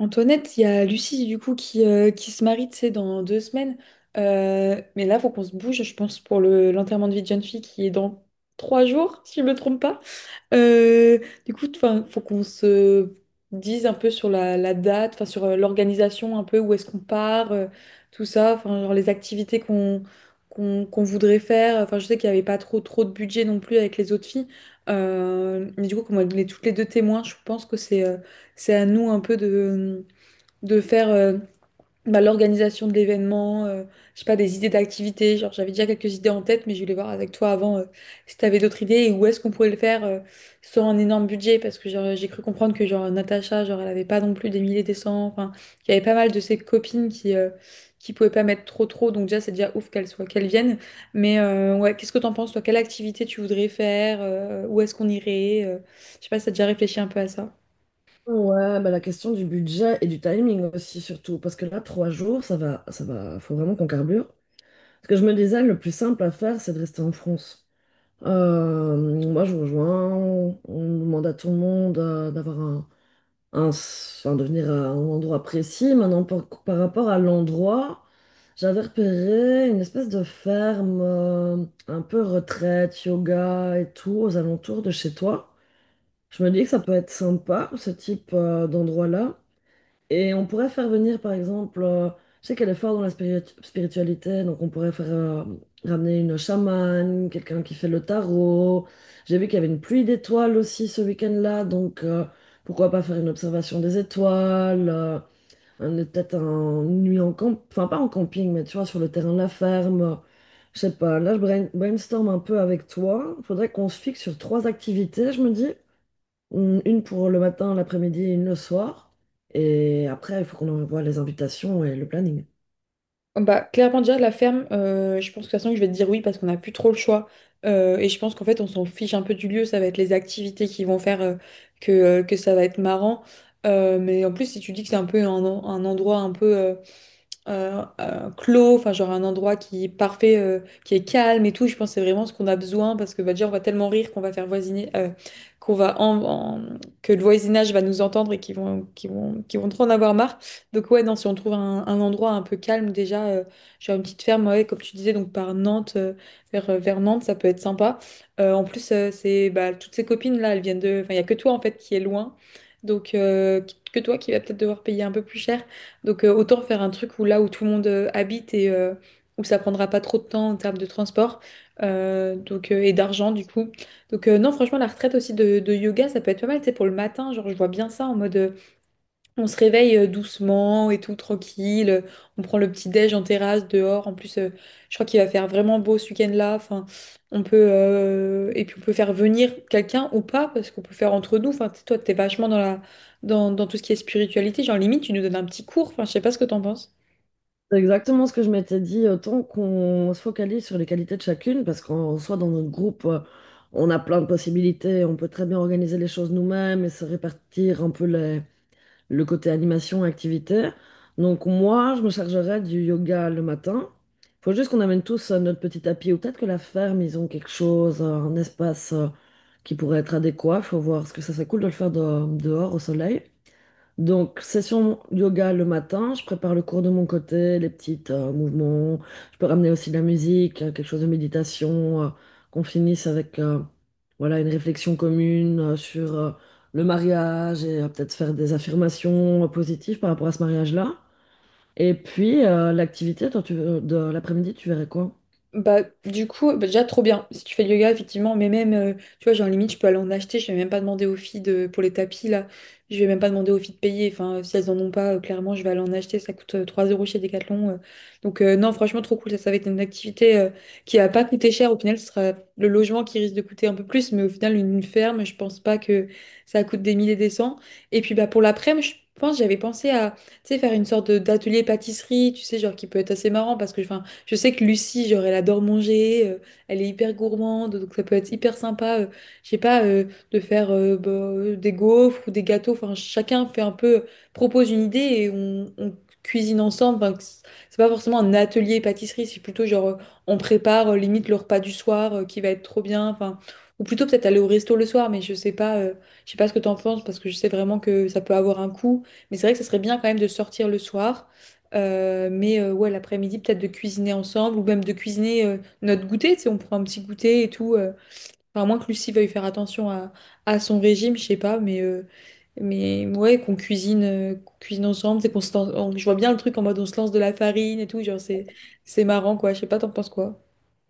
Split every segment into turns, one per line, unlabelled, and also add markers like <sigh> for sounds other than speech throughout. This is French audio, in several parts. Antoinette, il y a Lucie du coup qui se marie, tu sais, dans 2 semaines. Mais là, faut qu'on se bouge, je pense, pour le l'enterrement de vie de jeune fille qui est dans 3 jours, <laughs> si je me trompe pas. Euh, enfin, faut qu'on se dise un peu sur la date, enfin sur l'organisation un peu, où est-ce qu'on part, tout ça, enfin genre les activités qu'on voudrait faire. Enfin, je sais qu'il n'y avait pas trop trop de budget non plus avec les autres filles. Mais du coup, comme on est toutes les deux témoins, je pense que c'est à nous un peu de faire bah, l'organisation de l'événement, je sais pas, des idées d'activités. Genre, j'avais déjà quelques idées en tête, mais je voulais voir avec toi avant, si tu avais d'autres idées et où est-ce qu'on pourrait le faire sans un énorme budget. Parce que genre, j'ai cru comprendre que genre, Natacha, genre, elle avait pas non plus des milliers, des cents. Enfin, il y avait pas mal de ses copines qui pouvaient pas mettre trop, trop. Donc, déjà, c'est déjà ouf qu'elles viennent. Ouais, qu'est-ce que t'en penses, toi? Quelle activité tu voudrais faire? Où est-ce qu'on irait? Je sais pas si t'as déjà réfléchi un peu à ça.
Ouais, bah la question du budget et du timing aussi, surtout. Parce que là, trois jours, ça va, faut vraiment qu'on carbure. Parce que je me disais, le plus simple à faire, c'est de rester en France. Euh, Moi, je rejoins, on demande à tout le monde d'avoir un, de venir à un endroit précis. Maintenant, par rapport à l'endroit, j'avais repéré une espèce de ferme, un peu retraite, yoga et tout, aux alentours de chez toi. Je me dis que ça peut être sympa, ce type, d'endroit-là. Et on pourrait faire venir, par exemple, je sais qu'elle est forte dans la spiritualité, donc on pourrait faire ramener une chamane, quelqu'un qui fait le tarot. J'ai vu qu'il y avait une pluie d'étoiles aussi ce week-end-là, donc pourquoi pas faire une observation des étoiles, peut-être une nuit en camp, enfin pas en camping, mais tu vois, sur le terrain de la ferme. Je sais pas, là je brainstorm un peu avec toi. Faudrait qu'on se fixe sur trois activités, je me dis. Une pour le matin, l'après-midi, et une le soir. Et après, il faut qu'on envoie les invitations et le planning.
Bah, clairement, déjà, la ferme, je pense que de toute façon, je vais te dire oui parce qu'on n'a plus trop le choix. Et je pense qu'en fait, on s'en fiche un peu du lieu. Ça va être les activités qui vont faire que ça va être marrant. Mais en plus, si tu dis que c'est un peu un endroit un peu clos, enfin genre un endroit qui est parfait, qui est calme et tout. Je pense que c'est vraiment ce qu'on a besoin parce que bah, déjà on va tellement rire qu'on va faire voisiner, qu'on va en, en- que le voisinage va nous entendre et qu'ils vont trop en avoir marre. Donc ouais, non, si on trouve un endroit un peu calme déjà, genre une petite ferme, ouais, comme tu disais, donc par Nantes, vers Nantes, ça peut être sympa. C'est bah, toutes ces copines là, elles viennent de, enfin il y a que toi en fait qui est loin, donc euh, que toi qui va peut-être devoir payer un peu plus cher. Autant faire un truc où là où tout le monde habite où ça prendra pas trop de temps en termes de transport, et d'argent du coup. Non franchement la retraite aussi de yoga ça peut être pas mal, tu sais, pour le matin, genre je vois bien ça en mode on se réveille doucement et tout, tranquille. On prend le petit déj en terrasse, dehors. En plus, je crois qu'il va faire vraiment beau ce week-end-là. Enfin, on peut, et puis, on peut faire venir quelqu'un ou pas, parce qu'on peut faire entre nous. Enfin, tu sais, toi, t'es vachement dans la... dans tout ce qui est spiritualité. Genre, limite, tu nous donnes un petit cours. Enfin, je sais pas ce que t'en penses.
C'est exactement ce que je m'étais dit, autant qu'on se focalise sur les qualités de chacune, parce qu'en soit dans notre groupe, on a plein de possibilités, on peut très bien organiser les choses nous-mêmes et se répartir un peu les, le côté animation, activité. Donc moi, je me chargerai du yoga le matin. Faut juste qu'on amène tous notre petit tapis ou peut-être que la ferme, ils ont quelque chose, un espace qui pourrait être adéquat. Faut voir, parce que ça serait cool de le faire dehors au soleil. Donc, session yoga le matin, je prépare le cours de mon côté, les petits mouvements. Je peux ramener aussi de la musique, quelque chose de méditation, qu'on finisse avec voilà, une réflexion commune sur le mariage et peut-être faire des affirmations positives par rapport à ce mariage-là. Et puis, l'activité, de l'après-midi, tu verrais quoi?
Bah, du coup, bah, déjà trop bien si tu fais du yoga, effectivement, mais même, tu vois, genre limite, je peux aller en acheter, je vais même pas demander aux filles de, pour les tapis là, je vais même pas demander aux filles de payer, enfin, si elles en ont pas, clairement, je vais aller en acheter, ça coûte 3 € chez Decathlon. Non, franchement, trop cool, ça va être une activité qui va pas coûter cher, au final, ce sera le logement qui risque de coûter un peu plus, mais au final, une ferme, je pense pas que ça coûte des milliers des cents. Et puis, bah, pour l'après-midi, je pense, j'avais pensé à, tu sais, faire d'atelier pâtisserie, tu sais, genre qui peut être assez marrant parce que, enfin, je sais que Lucie, genre, elle adore manger, elle est hyper gourmande, donc ça peut être hyper sympa, je sais pas, de faire des gaufres ou des gâteaux. Enfin, chacun fait un peu, propose une idée on cuisine ensemble. C'est pas forcément un atelier pâtisserie, c'est plutôt genre, on prépare limite le repas du soir qui va être trop bien. Enfin, ou plutôt peut-être aller au resto le soir, mais je sais pas ce que t'en penses parce que je sais vraiment que ça peut avoir un coût. Mais c'est vrai que ça serait bien quand même de sortir le soir. Ouais, l'après-midi, peut-être de cuisiner ensemble ou même de cuisiner notre goûter. Tu sais, on prend un petit goûter et tout. Enfin, à moins que Lucie veuille faire attention à son régime, je sais pas, mais ouais, qu'on cuisine, qu'on cuisine ensemble. C'est qu'on se lance- on- Je vois bien le truc en mode on se lance de la farine et tout. Genre, c'est marrant, quoi. Je sais pas, t'en penses quoi?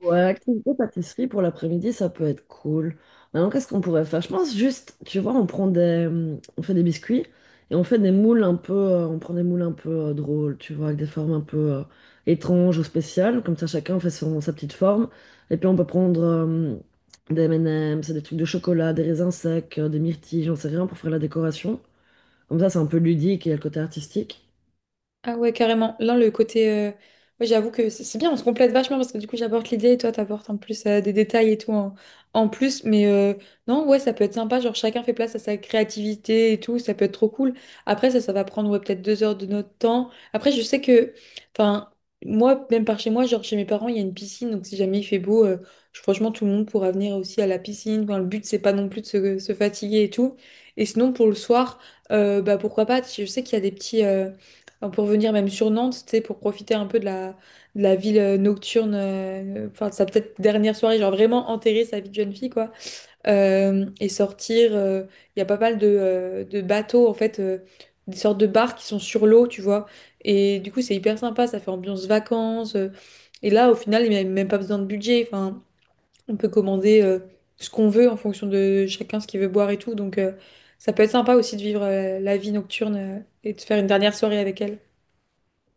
Ouais, activité pâtisserie pour l'après-midi, ça peut être cool. Maintenant, qu'est-ce qu'on pourrait faire? Je pense juste, tu vois, on prend des, on fait des biscuits et on fait des moules un peu, drôles, tu vois, avec des formes un peu étranges ou spéciales. Comme ça, chacun fait son, sa petite forme. Et puis, on peut prendre des M&M's, des trucs de chocolat, des raisins secs, des myrtilles, j'en sais rien, pour faire la décoration. Comme ça, c'est un peu ludique et il y a le côté artistique.
Ah ouais, carrément. Ouais, j'avoue que c'est bien, on se complète vachement parce que du coup, j'apporte l'idée et toi, t'apportes en plus des détails en plus. Non, ouais, ça peut être sympa. Genre, chacun fait place à sa créativité et tout. Ça peut être trop cool. Après, ça va prendre ouais, peut-être 2 heures de notre temps. Après, je sais que... Enfin, moi, même par chez moi, genre chez mes parents, il y a une piscine. Donc, si jamais il fait beau, franchement, tout le monde pourra venir aussi à la piscine. Enfin, le but, c'est pas non plus de se fatiguer et tout. Et sinon, pour le soir, bah, pourquoi pas? Je sais qu'il y a des petits... enfin, pour venir même sur Nantes, tu sais, pour profiter un peu de la ville nocturne, enfin, de sa peut-être dernière soirée, genre vraiment enterrer sa vie de jeune fille, quoi. Euh, et sortir, euh, il y a pas mal de bateaux, en fait, des sortes de bars qui sont sur l'eau, tu vois. Et du coup, c'est hyper sympa, ça fait ambiance vacances. Et là, au final, il n'y a même pas besoin de budget. Enfin, on peut commander ce qu'on veut en fonction de chacun, ce qu'il veut boire et tout. Ça peut être sympa aussi de vivre la vie nocturne et de faire une dernière soirée avec elle.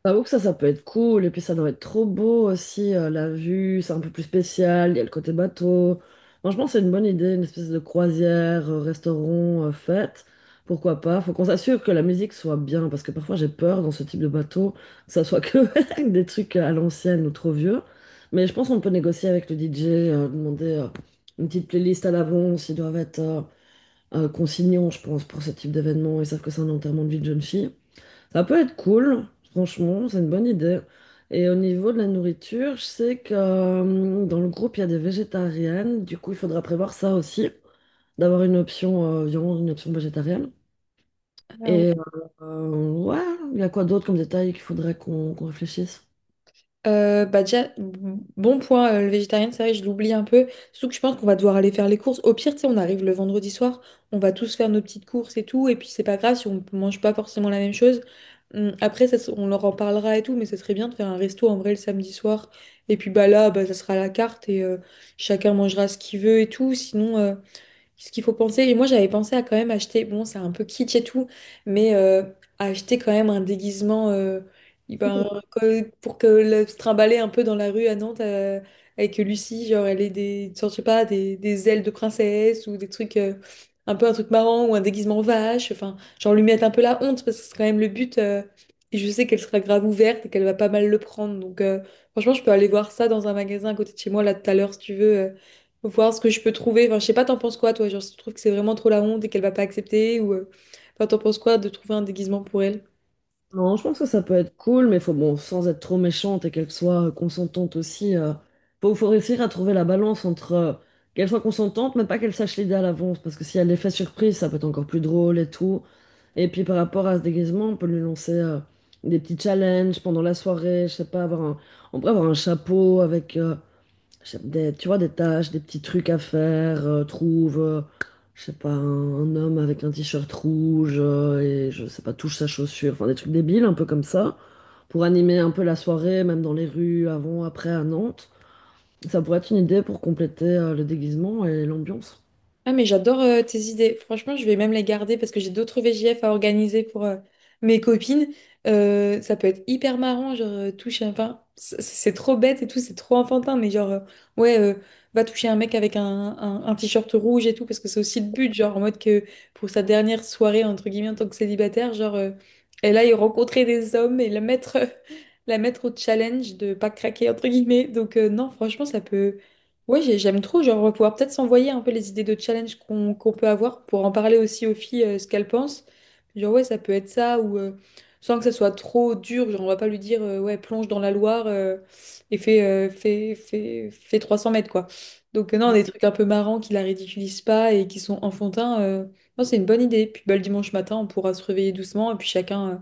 J'avoue que ça peut être cool. Et puis, ça doit être trop beau aussi. La vue, c'est un peu plus spécial. Il y a le côté bateau. Franchement, c'est une bonne idée. Une espèce de croisière, restaurant, fête. Pourquoi pas? Faut qu'on s'assure que la musique soit bien. Parce que parfois, j'ai peur dans ce type de bateau que ça soit que <laughs> des trucs à l'ancienne ou trop vieux. Mais je pense qu'on peut négocier avec le DJ, demander une petite playlist à l'avance. Ils doivent être consignants, je pense, pour ce type d'événement. Ils savent que c'est un enterrement de vie de jeune fille. Ça peut être cool, franchement, c'est une bonne idée. Et au niveau de la nourriture, je sais que dans le groupe, il y a des végétariennes. Du coup, il faudra prévoir ça aussi, d'avoir une option viande, une option végétarienne. Et ouais, il y a quoi d'autre comme détail qu'il faudrait qu'on réfléchisse?
Bah déjà, bon point, le végétarien, c'est vrai, je l'oublie un peu. Surtout que je pense qu'on va devoir aller faire les courses. Au pire, tu sais, on arrive le vendredi soir, on va tous faire nos petites courses et tout, et puis c'est pas grave si on mange pas forcément la même chose. Après, ça, on leur en parlera et tout, mais ça serait bien de faire un resto en vrai le samedi soir. Et puis bah là, bah, ça sera à la carte chacun mangera ce qu'il veut et tout. Sinon, ce qu'il faut penser. Et moi, j'avais pensé à quand même acheter, bon, c'est un peu kitsch et tout, mais euh, à acheter quand même un déguisement, pour que le, se trimballer un peu dans la rue à Nantes avec Lucie, genre elle ait des, genre, je sais pas, des ailes de princesse ou des trucs, un peu un truc marrant ou un déguisement vache, enfin, genre lui mettre un peu la honte parce que c'est quand même le but. Et je sais qu'elle sera grave ouverte et qu'elle va pas mal le prendre. Franchement, je peux aller voir ça dans un magasin à côté de chez moi, là, tout à l'heure, si tu veux. Faut voir ce que je peux trouver. Enfin, je sais pas, t'en penses quoi, toi? Genre, si tu trouves que c'est vraiment trop la honte et qu'elle va pas accepter ou... enfin, t'en penses quoi de trouver un déguisement pour elle?
Non, je pense que ça peut être cool, mais faut bon, sans être trop méchante et qu'elle soit consentante aussi. Faut réussir à trouver la balance entre qu'elle soit consentante, mais pas qu'elle sache l'idée à l'avance, parce que si elle est fait surprise, ça peut être encore plus drôle et tout. Et puis par rapport à ce déguisement, on peut lui lancer des petits challenges pendant la soirée, je sais pas, on pourrait avoir un chapeau avec des, tu vois, des tâches, des petits trucs à faire. Je sais pas, un homme avec un t-shirt rouge et je sais pas, touche sa chaussure. Enfin, des trucs débiles, un peu comme ça, pour animer un peu la soirée, même dans les rues, avant, après, à Nantes. Ça pourrait être une idée pour compléter le déguisement et l'ambiance.
Ah, mais j'adore tes idées. Franchement, je vais même les garder parce que j'ai d'autres VJF à organiser pour mes copines. Ça peut être hyper marrant, genre toucher un... C'est trop bête et tout, c'est trop enfantin, mais genre, ouais, euh, va toucher un mec avec un t-shirt rouge et tout, parce que c'est aussi le but, genre en mode que pour sa dernière soirée, entre guillemets, en tant que célibataire, genre, elle aille rencontrer des hommes et la mettre, <laughs> la mettre au challenge de pas craquer, entre guillemets. Non, franchement, ça peut... Oui, j'aime trop, genre, on va pouvoir peut-être s'envoyer un peu les idées de challenge qu'on peut avoir pour en parler aussi aux filles, ce qu'elles pensent. Genre, ouais, ça peut être ça, ou sans que ça soit trop dur, genre, on va pas lui dire, ouais, plonge dans la Loire et fais 300 mètres, quoi. Non, des trucs un peu marrants qui la ridiculisent pas et qui sont enfantins, non, c'est une bonne idée. Puis, bah, le dimanche matin, on pourra se réveiller doucement et puis chacun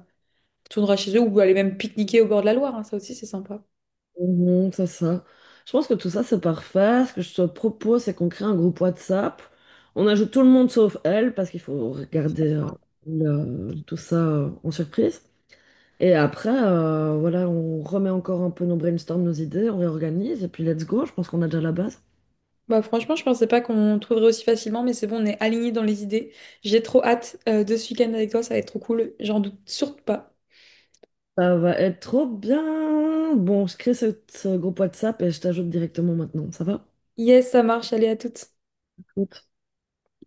tournera chez eux ou aller même pique-niquer au bord de la Loire, hein, ça aussi, c'est sympa.
Mhm, c'est ça. Je pense que tout ça, c'est parfait. Ce que je te propose, c'est qu'on crée un groupe WhatsApp. On ajoute tout le monde sauf elle, parce qu'il faut regarder tout ça en surprise. Et après, voilà, on remet encore un peu nos brainstorms, nos idées, on réorganise et puis let's go. Je pense qu'on a déjà la base.
Bah franchement, je pensais pas qu'on trouverait aussi facilement, mais c'est bon, on est alignés dans les idées. J'ai trop hâte de ce week-end avec toi, ça va être trop cool, j'en doute surtout pas.
Ça va être trop bien. Bon, je crée ce groupe WhatsApp et je t'ajoute directement maintenant. Ça va?
Yes, ça marche, allez à toutes.